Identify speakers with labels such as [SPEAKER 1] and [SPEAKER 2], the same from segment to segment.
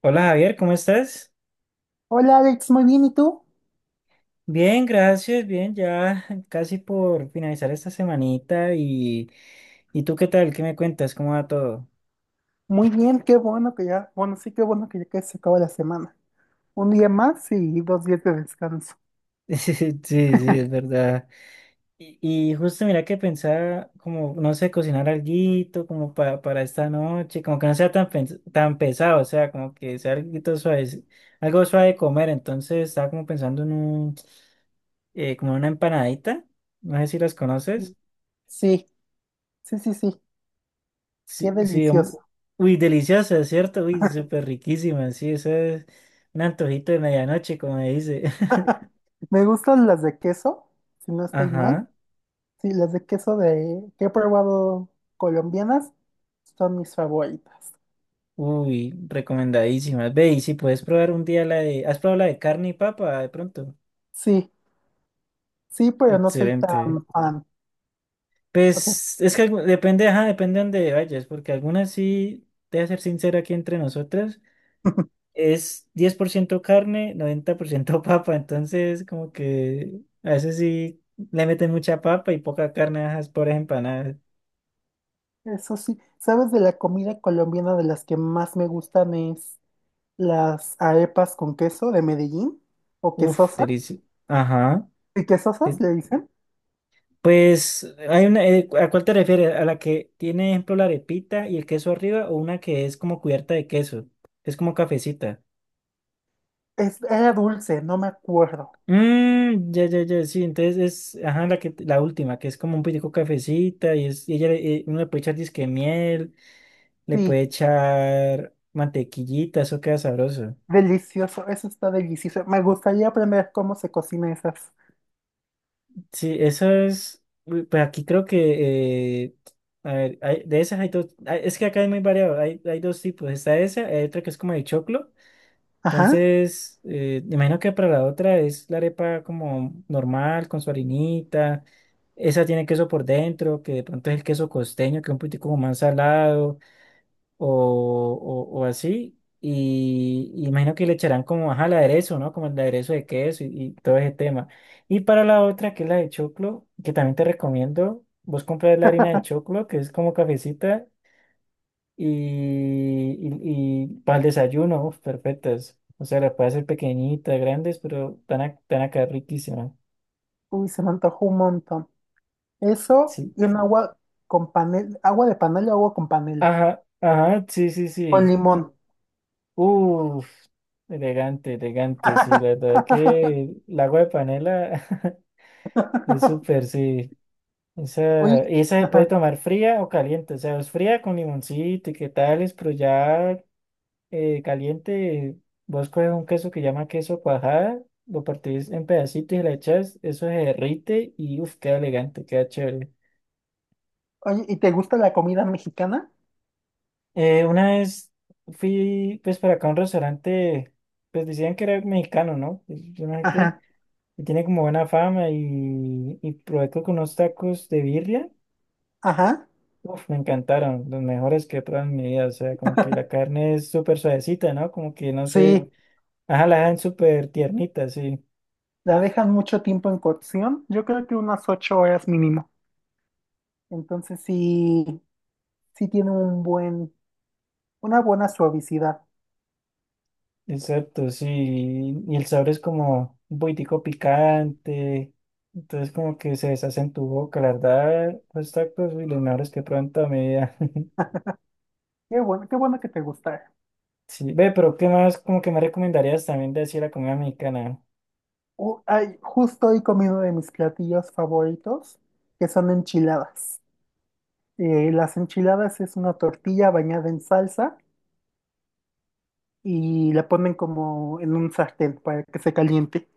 [SPEAKER 1] Hola Javier, ¿cómo estás?
[SPEAKER 2] Hola Alex, muy bien, ¿y tú?
[SPEAKER 1] Bien, gracias, bien, ya casi por finalizar esta semanita ¿y tú qué tal? ¿Qué me cuentas? ¿Cómo va todo?
[SPEAKER 2] Muy bien, qué bueno que ya, bueno, sí, qué bueno que ya casi se acaba la semana. Un día más y dos días de descanso.
[SPEAKER 1] Sí, sí, sí, es verdad. Y, y justo mira que pensaba como, no sé, cocinar alguito como para esta noche, como que no sea tan, tan pesado, o sea, como que sea alguito suave, algo suave de comer, entonces estaba como pensando en un como una empanadita, no sé si las conoces.
[SPEAKER 2] Sí, sí, sí, sí, qué
[SPEAKER 1] Sí, sí,
[SPEAKER 2] delicioso.
[SPEAKER 1] uy, deliciosa, ¿cierto? Uy, súper riquísima, sí, eso es un antojito de medianoche, como me dice.
[SPEAKER 2] Me gustan las de queso, si no estoy mal.
[SPEAKER 1] Ajá,
[SPEAKER 2] Sí, las de queso de que he probado colombianas son mis favoritas.
[SPEAKER 1] uy, recomendadísima. Ve, y si puedes probar un día la de, ¿has probado la de carne y papa de pronto?
[SPEAKER 2] Sí, sí, pero no soy
[SPEAKER 1] Excelente.
[SPEAKER 2] tan fan. O sea,
[SPEAKER 1] Pues, es que depende, ajá, depende de dónde vayas, porque algunas sí, te voy a ser sincera aquí entre nosotras, es 10% carne, 90% papa, entonces como que a veces sí le meten mucha papa y poca carne, ajá, es por empanadas.
[SPEAKER 2] eso sí, ¿sabes de la comida colombiana de las que más me gustan es? Las arepas con queso de Medellín, o
[SPEAKER 1] Uf,
[SPEAKER 2] quesosas,
[SPEAKER 1] delicioso. Ajá.
[SPEAKER 2] y
[SPEAKER 1] Eh,
[SPEAKER 2] quesosas le dicen.
[SPEAKER 1] Pues, hay una, ¿a cuál te refieres? ¿A la que tiene, ejemplo, la arepita y el queso arriba o una que es como cubierta de queso? Es como cafecita.
[SPEAKER 2] Es, era dulce, no me acuerdo.
[SPEAKER 1] Mmm, ya, ya, ya, sí. Entonces es, ajá, la que, la última, que es como un poquitico cafecita y ella, uno le puede echar disque miel, le
[SPEAKER 2] Sí,
[SPEAKER 1] puede echar mantequillita, eso queda sabroso.
[SPEAKER 2] delicioso, eso está delicioso. Me gustaría aprender cómo se cocina esas.
[SPEAKER 1] Sí, eso es, uy, pues aquí creo que, a ver, de esas hay dos, es que acá es muy variado, hay dos tipos, está esa, hay otra que es como de choclo,
[SPEAKER 2] Ajá.
[SPEAKER 1] entonces, me imagino que para la otra es la arepa como normal, con su harinita, esa tiene queso por dentro, que de pronto es el queso costeño, que es un poquitico como más salado, o así. Y imagino que le echarán como ajá, el aderezo, ¿no? Como el aderezo de queso y todo ese tema. Y para la otra, que es la de choclo, que también te recomiendo, vos compras la harina de choclo, que es como cafecita, y, y para el desayuno, uf, perfectas. O sea, las puedes hacer pequeñitas, grandes, pero van a quedar riquísimas.
[SPEAKER 2] Uy, se me antojó un montón. Eso
[SPEAKER 1] Sí.
[SPEAKER 2] y un agua con panela, agua de panela, agua con panela,
[SPEAKER 1] Ajá, ajá, sí, sí,
[SPEAKER 2] con
[SPEAKER 1] sí.
[SPEAKER 2] limón.
[SPEAKER 1] Uf, elegante, elegante, sí, la verdad que el agua de panela es súper, sí.
[SPEAKER 2] Oye,
[SPEAKER 1] Esa, y esa se puede
[SPEAKER 2] ajá.
[SPEAKER 1] tomar fría o caliente, o sea, es fría con limoncito y qué tales, pero ya caliente, vos coges un queso que llama queso cuajada, lo partís en pedacitos y le echas, eso se derrite y uf, queda elegante, queda chévere.
[SPEAKER 2] Oye, ¿y te gusta la comida mexicana?
[SPEAKER 1] Una vez fui pues para acá a un restaurante, pues decían que era mexicano, ¿no? Pues, yo no sé qué.
[SPEAKER 2] Ajá,
[SPEAKER 1] Y tiene como buena fama y probé creo unos tacos de birria.
[SPEAKER 2] ajá,
[SPEAKER 1] Uf, me encantaron, los mejores que he probado en mi vida. O sea, como que la carne es súper suavecita, ¿no? Como que no sé.
[SPEAKER 2] sí.
[SPEAKER 1] Ajá, la dejan súper tiernita, sí.
[SPEAKER 2] La dejan mucho tiempo en cocción, yo creo que unas 8 horas mínimo. Entonces sí, sí tiene un buen, una buena suavicidad.
[SPEAKER 1] Exacto, sí. Y el sabor es como un poquitico picante. Entonces, como que se deshace en tu boca, la verdad. Los tacos y los mejores que he probado en toda mi vida.
[SPEAKER 2] Qué bueno que te gustara.
[SPEAKER 1] Sí, ve, pero ¿qué más? Como que me recomendarías también de así la comida mexicana.
[SPEAKER 2] Ay, justo hoy comí uno de mis platillos favoritos, que son enchiladas. Las enchiladas es una tortilla bañada en salsa y la ponen como en un sartén para que se caliente.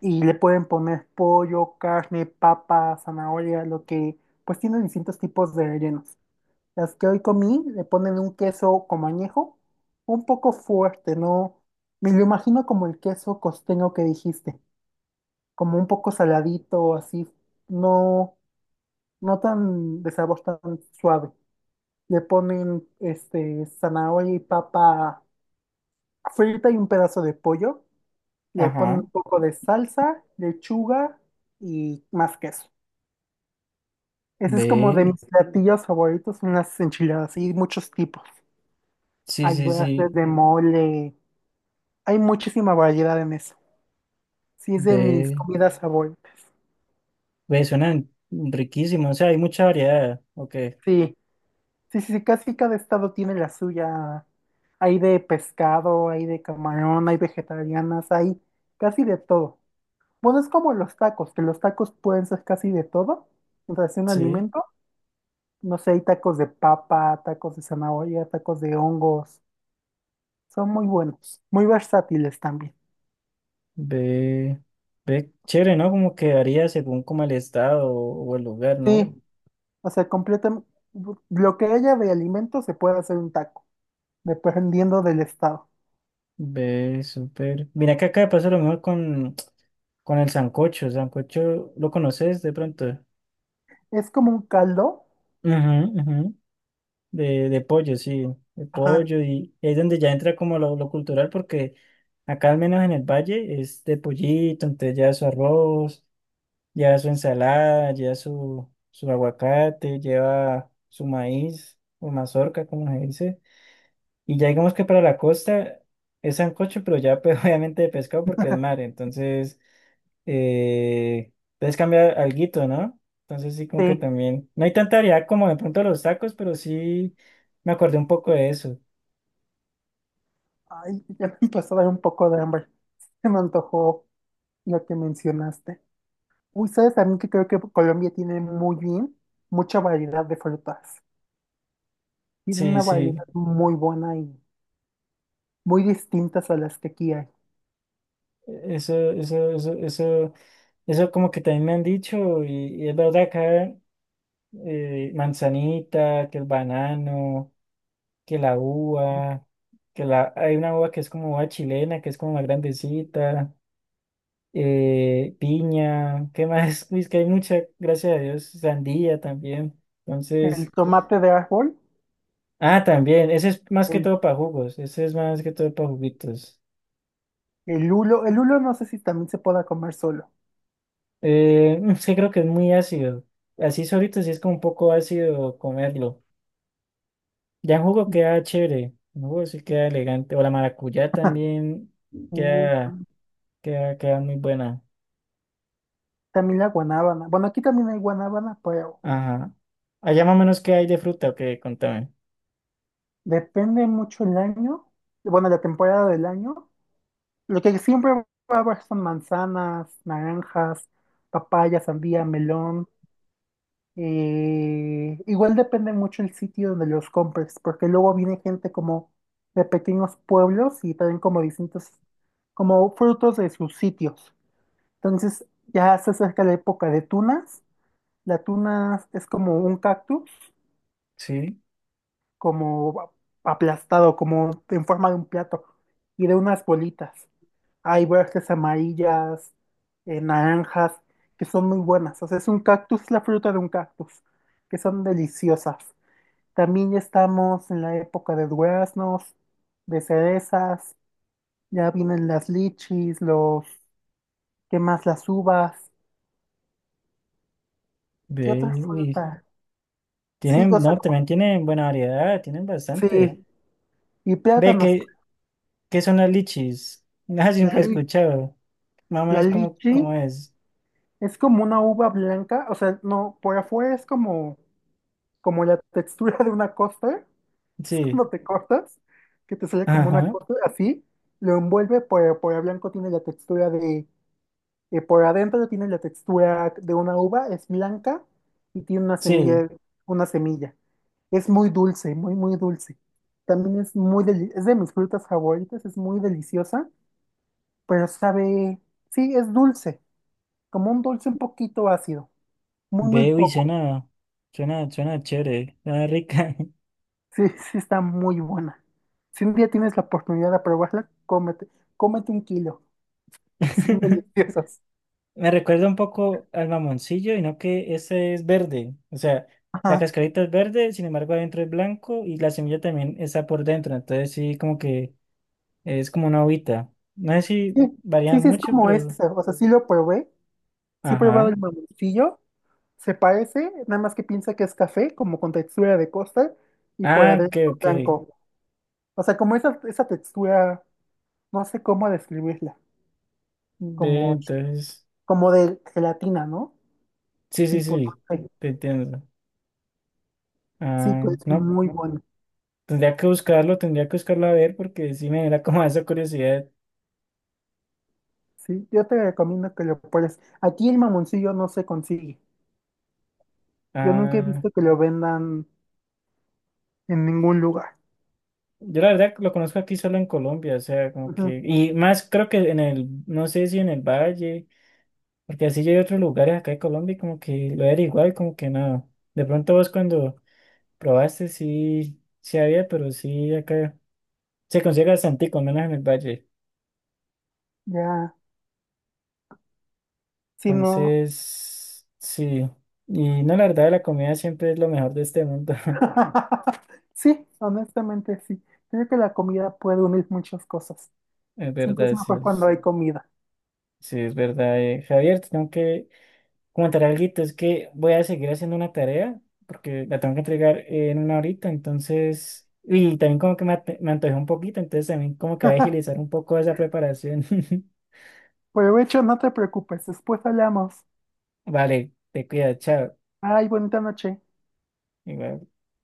[SPEAKER 2] Y le pueden poner pollo, carne, papa, zanahoria, lo que, pues tiene distintos tipos de rellenos. Las que hoy comí le ponen un queso como añejo, un poco fuerte, ¿no? Me lo imagino como el queso costeño que dijiste, como un poco saladito, así, no, no tan de sabor tan suave. Le ponen este zanahoria y papa frita y un pedazo de pollo. Le ponen
[SPEAKER 1] Ajá.
[SPEAKER 2] un poco de salsa, lechuga y más queso. Ese es como
[SPEAKER 1] Ve,
[SPEAKER 2] de mis platillos favoritos, son las enchiladas y muchos tipos.
[SPEAKER 1] sí,
[SPEAKER 2] Hay
[SPEAKER 1] sí,
[SPEAKER 2] verdes
[SPEAKER 1] sí.
[SPEAKER 2] de mole. Hay muchísima variedad en eso. Sí, es de mis
[SPEAKER 1] Ve,
[SPEAKER 2] comidas favoritas.
[SPEAKER 1] ve suenan riquísimo, o sea, hay mucha variedad, ok,
[SPEAKER 2] Sí, sí, sí, sí, casi cada estado tiene la suya. Hay de pescado, hay de camarón, hay vegetarianas, hay casi de todo. Bueno, es como los tacos, que los tacos pueden ser casi de todo. O sea, es un
[SPEAKER 1] sí,
[SPEAKER 2] alimento. No sé, hay tacos de papa, tacos de zanahoria, tacos de hongos. Son muy buenos, muy versátiles también.
[SPEAKER 1] ve, ve chévere, ¿no? Como que varía según como el estado o el lugar, ¿no?
[SPEAKER 2] Sí, o sea, completan lo que haya de alimento se puede hacer un taco, dependiendo del estado.
[SPEAKER 1] Ve súper, mira que acá pasa lo mismo con el sancocho, sancocho, ¿lo conoces de pronto?
[SPEAKER 2] Es como un caldo.
[SPEAKER 1] Ujú, ujú, de pollo, sí, de
[SPEAKER 2] Ajá.
[SPEAKER 1] pollo, y es donde ya entra como lo cultural, porque acá al menos en el valle es de pollito, entonces ya su arroz, lleva su ensalada, su aguacate, lleva su maíz o mazorca, como se dice. Y ya digamos que para la costa es sancocho, pero ya pues, obviamente de pescado porque es mar. Entonces, eh, puedes cambiar alguito, ¿no? Entonces sí como que
[SPEAKER 2] Sí.
[SPEAKER 1] también... No hay tanta variedad como de pronto los tacos, pero sí me acordé un poco de eso.
[SPEAKER 2] Ay, ya me empezó a dar un poco de hambre. Se me antojó lo que mencionaste. Uy, ¿sabes también que creo que Colombia tiene muy bien, mucha variedad de frutas? Tiene
[SPEAKER 1] Sí,
[SPEAKER 2] una
[SPEAKER 1] sí.
[SPEAKER 2] variedad muy buena y muy distintas a las que aquí hay.
[SPEAKER 1] Eso, eso, eso, eso, eso como que también me han dicho y es verdad acá manzanita, que el banano, que la uva, hay una uva que es como uva chilena, que es como más grandecita, piña, ¿qué más? Es que hay mucha, gracias a Dios, sandía también.
[SPEAKER 2] El
[SPEAKER 1] Entonces,
[SPEAKER 2] tomate de árbol,
[SPEAKER 1] ah, también, ese es más que
[SPEAKER 2] el,
[SPEAKER 1] todo para jugos, ese es más que todo para juguitos.
[SPEAKER 2] el hulo no sé si también se pueda comer solo.
[SPEAKER 1] Es que creo que es muy ácido. Así solito sí es como un poco ácido comerlo. Ya en jugo queda chévere, en jugo sí queda elegante. O la maracuyá también
[SPEAKER 2] Uy,
[SPEAKER 1] queda, queda muy buena.
[SPEAKER 2] también la guanábana. Bueno, aquí también hay guanábana, pero
[SPEAKER 1] Ajá. Allá más o menos qué hay de fruta, o qué, contame.
[SPEAKER 2] depende mucho el año, bueno, la temporada del año. Lo que siempre va a haber son manzanas, naranjas, papaya, sandía, melón. Igual depende mucho el sitio donde los compres, porque luego viene gente como de pequeños pueblos y traen como distintos, como frutos de sus sitios. Entonces ya se acerca la época de tunas. La tuna es como un cactus,
[SPEAKER 1] Sí,
[SPEAKER 2] como aplastado, como en forma de un plato y de unas bolitas. Hay verdes amarillas, naranjas, que son muy buenas. O sea, es un cactus, la fruta de un cactus, que son deliciosas. También ya estamos en la época de duraznos, de cerezas, ya vienen las lichis, los, ¿qué más? Las uvas. ¿Qué
[SPEAKER 1] ve,
[SPEAKER 2] otra
[SPEAKER 1] uy,
[SPEAKER 2] fruta? Sí,
[SPEAKER 1] tienen,
[SPEAKER 2] o sea,
[SPEAKER 1] no, también tienen buena variedad, tienen
[SPEAKER 2] sí,
[SPEAKER 1] bastante.
[SPEAKER 2] y
[SPEAKER 1] Ve,
[SPEAKER 2] plátanos.
[SPEAKER 1] ¿qué son las lichis? Nada,
[SPEAKER 2] La,
[SPEAKER 1] siempre he
[SPEAKER 2] li-
[SPEAKER 1] escuchado. Más o
[SPEAKER 2] la
[SPEAKER 1] menos
[SPEAKER 2] lichi
[SPEAKER 1] cómo es.
[SPEAKER 2] es como una uva blanca, o sea, no, por afuera es como, como la textura de una costa. Es
[SPEAKER 1] Sí,
[SPEAKER 2] cuando te cortas, que te sale como una
[SPEAKER 1] ajá,
[SPEAKER 2] corte así, lo envuelve por blanco, tiene la textura de, por adentro tiene la textura de una uva, es blanca y tiene una
[SPEAKER 1] sí.
[SPEAKER 2] semilla, una semilla. Es muy dulce, muy, muy dulce. También es muy, deli- es de mis frutas favoritas, es muy deliciosa, pero sabe, sí, es dulce, como un dulce un poquito ácido, muy, muy
[SPEAKER 1] Ve, uy,
[SPEAKER 2] poco.
[SPEAKER 1] suena chévere, suena rica.
[SPEAKER 2] Sí, sí, está muy buena. Si un día tienes la oportunidad de probarla, cómete, cómete un kilo. Son deliciosas.
[SPEAKER 1] Me recuerda un poco al mamoncillo, y no que ese es verde. O sea, la
[SPEAKER 2] Ajá.
[SPEAKER 1] cascarita es verde, sin embargo, adentro es blanco y la semilla también está por dentro. Entonces, sí, como que es como una hojita. No sé
[SPEAKER 2] Sí,
[SPEAKER 1] si
[SPEAKER 2] sí,
[SPEAKER 1] varían
[SPEAKER 2] sí, es
[SPEAKER 1] mucho,
[SPEAKER 2] como eso.
[SPEAKER 1] pero.
[SPEAKER 2] O sea, sí lo probé. Sí he probado
[SPEAKER 1] Ajá.
[SPEAKER 2] el mamoncillo. Se parece, nada más que piensa que es café, como con textura de costa y por
[SPEAKER 1] Ah, ok,
[SPEAKER 2] adentro
[SPEAKER 1] ok.
[SPEAKER 2] blanco. O sea, como esa textura, no sé cómo describirla.
[SPEAKER 1] Ve,
[SPEAKER 2] Como,
[SPEAKER 1] entonces.
[SPEAKER 2] como de gelatina, ¿no?
[SPEAKER 1] Sí, sí,
[SPEAKER 2] Tipo, no
[SPEAKER 1] sí.
[SPEAKER 2] sé.
[SPEAKER 1] Te entiendo.
[SPEAKER 2] Sí,
[SPEAKER 1] Ah,
[SPEAKER 2] pues
[SPEAKER 1] no.
[SPEAKER 2] muy bueno.
[SPEAKER 1] Tendría que buscarlo a ver porque sí me da como esa curiosidad.
[SPEAKER 2] Sí, yo te recomiendo que lo pruebes. Aquí el mamoncillo no se consigue. Yo nunca he
[SPEAKER 1] Ah.
[SPEAKER 2] visto que lo vendan en ningún lugar.
[SPEAKER 1] Yo la verdad lo conozco aquí solo en Colombia, o sea, como
[SPEAKER 2] Ujú.
[SPEAKER 1] que, y más creo que en el, no sé si en el Valle, porque así yo hay otros lugares acá en Colombia y como que lo era igual, como que no. De pronto vos cuando probaste sí, sí había, pero sí acá se consigue bastante, con menos en el Valle.
[SPEAKER 2] Ya, si no.
[SPEAKER 1] Entonces, sí. Y no, la verdad, la comida siempre es lo mejor de este mundo.
[SPEAKER 2] Sí, honestamente sí. Creo que la comida puede unir muchas cosas.
[SPEAKER 1] Es
[SPEAKER 2] Siempre es
[SPEAKER 1] verdad, sí,
[SPEAKER 2] mejor cuando hay comida.
[SPEAKER 1] sí, es verdad. Eh, Javier, te tengo que comentar algo, es que voy a seguir haciendo una tarea porque la tengo que entregar en una horita, entonces, y también como que me, me antojé un poquito, entonces también como que voy a agilizar un poco esa preparación.
[SPEAKER 2] Provecho, no te preocupes, después hablamos.
[SPEAKER 1] Vale, te cuidas, chao.
[SPEAKER 2] Ay, bonita noche.
[SPEAKER 1] Igual.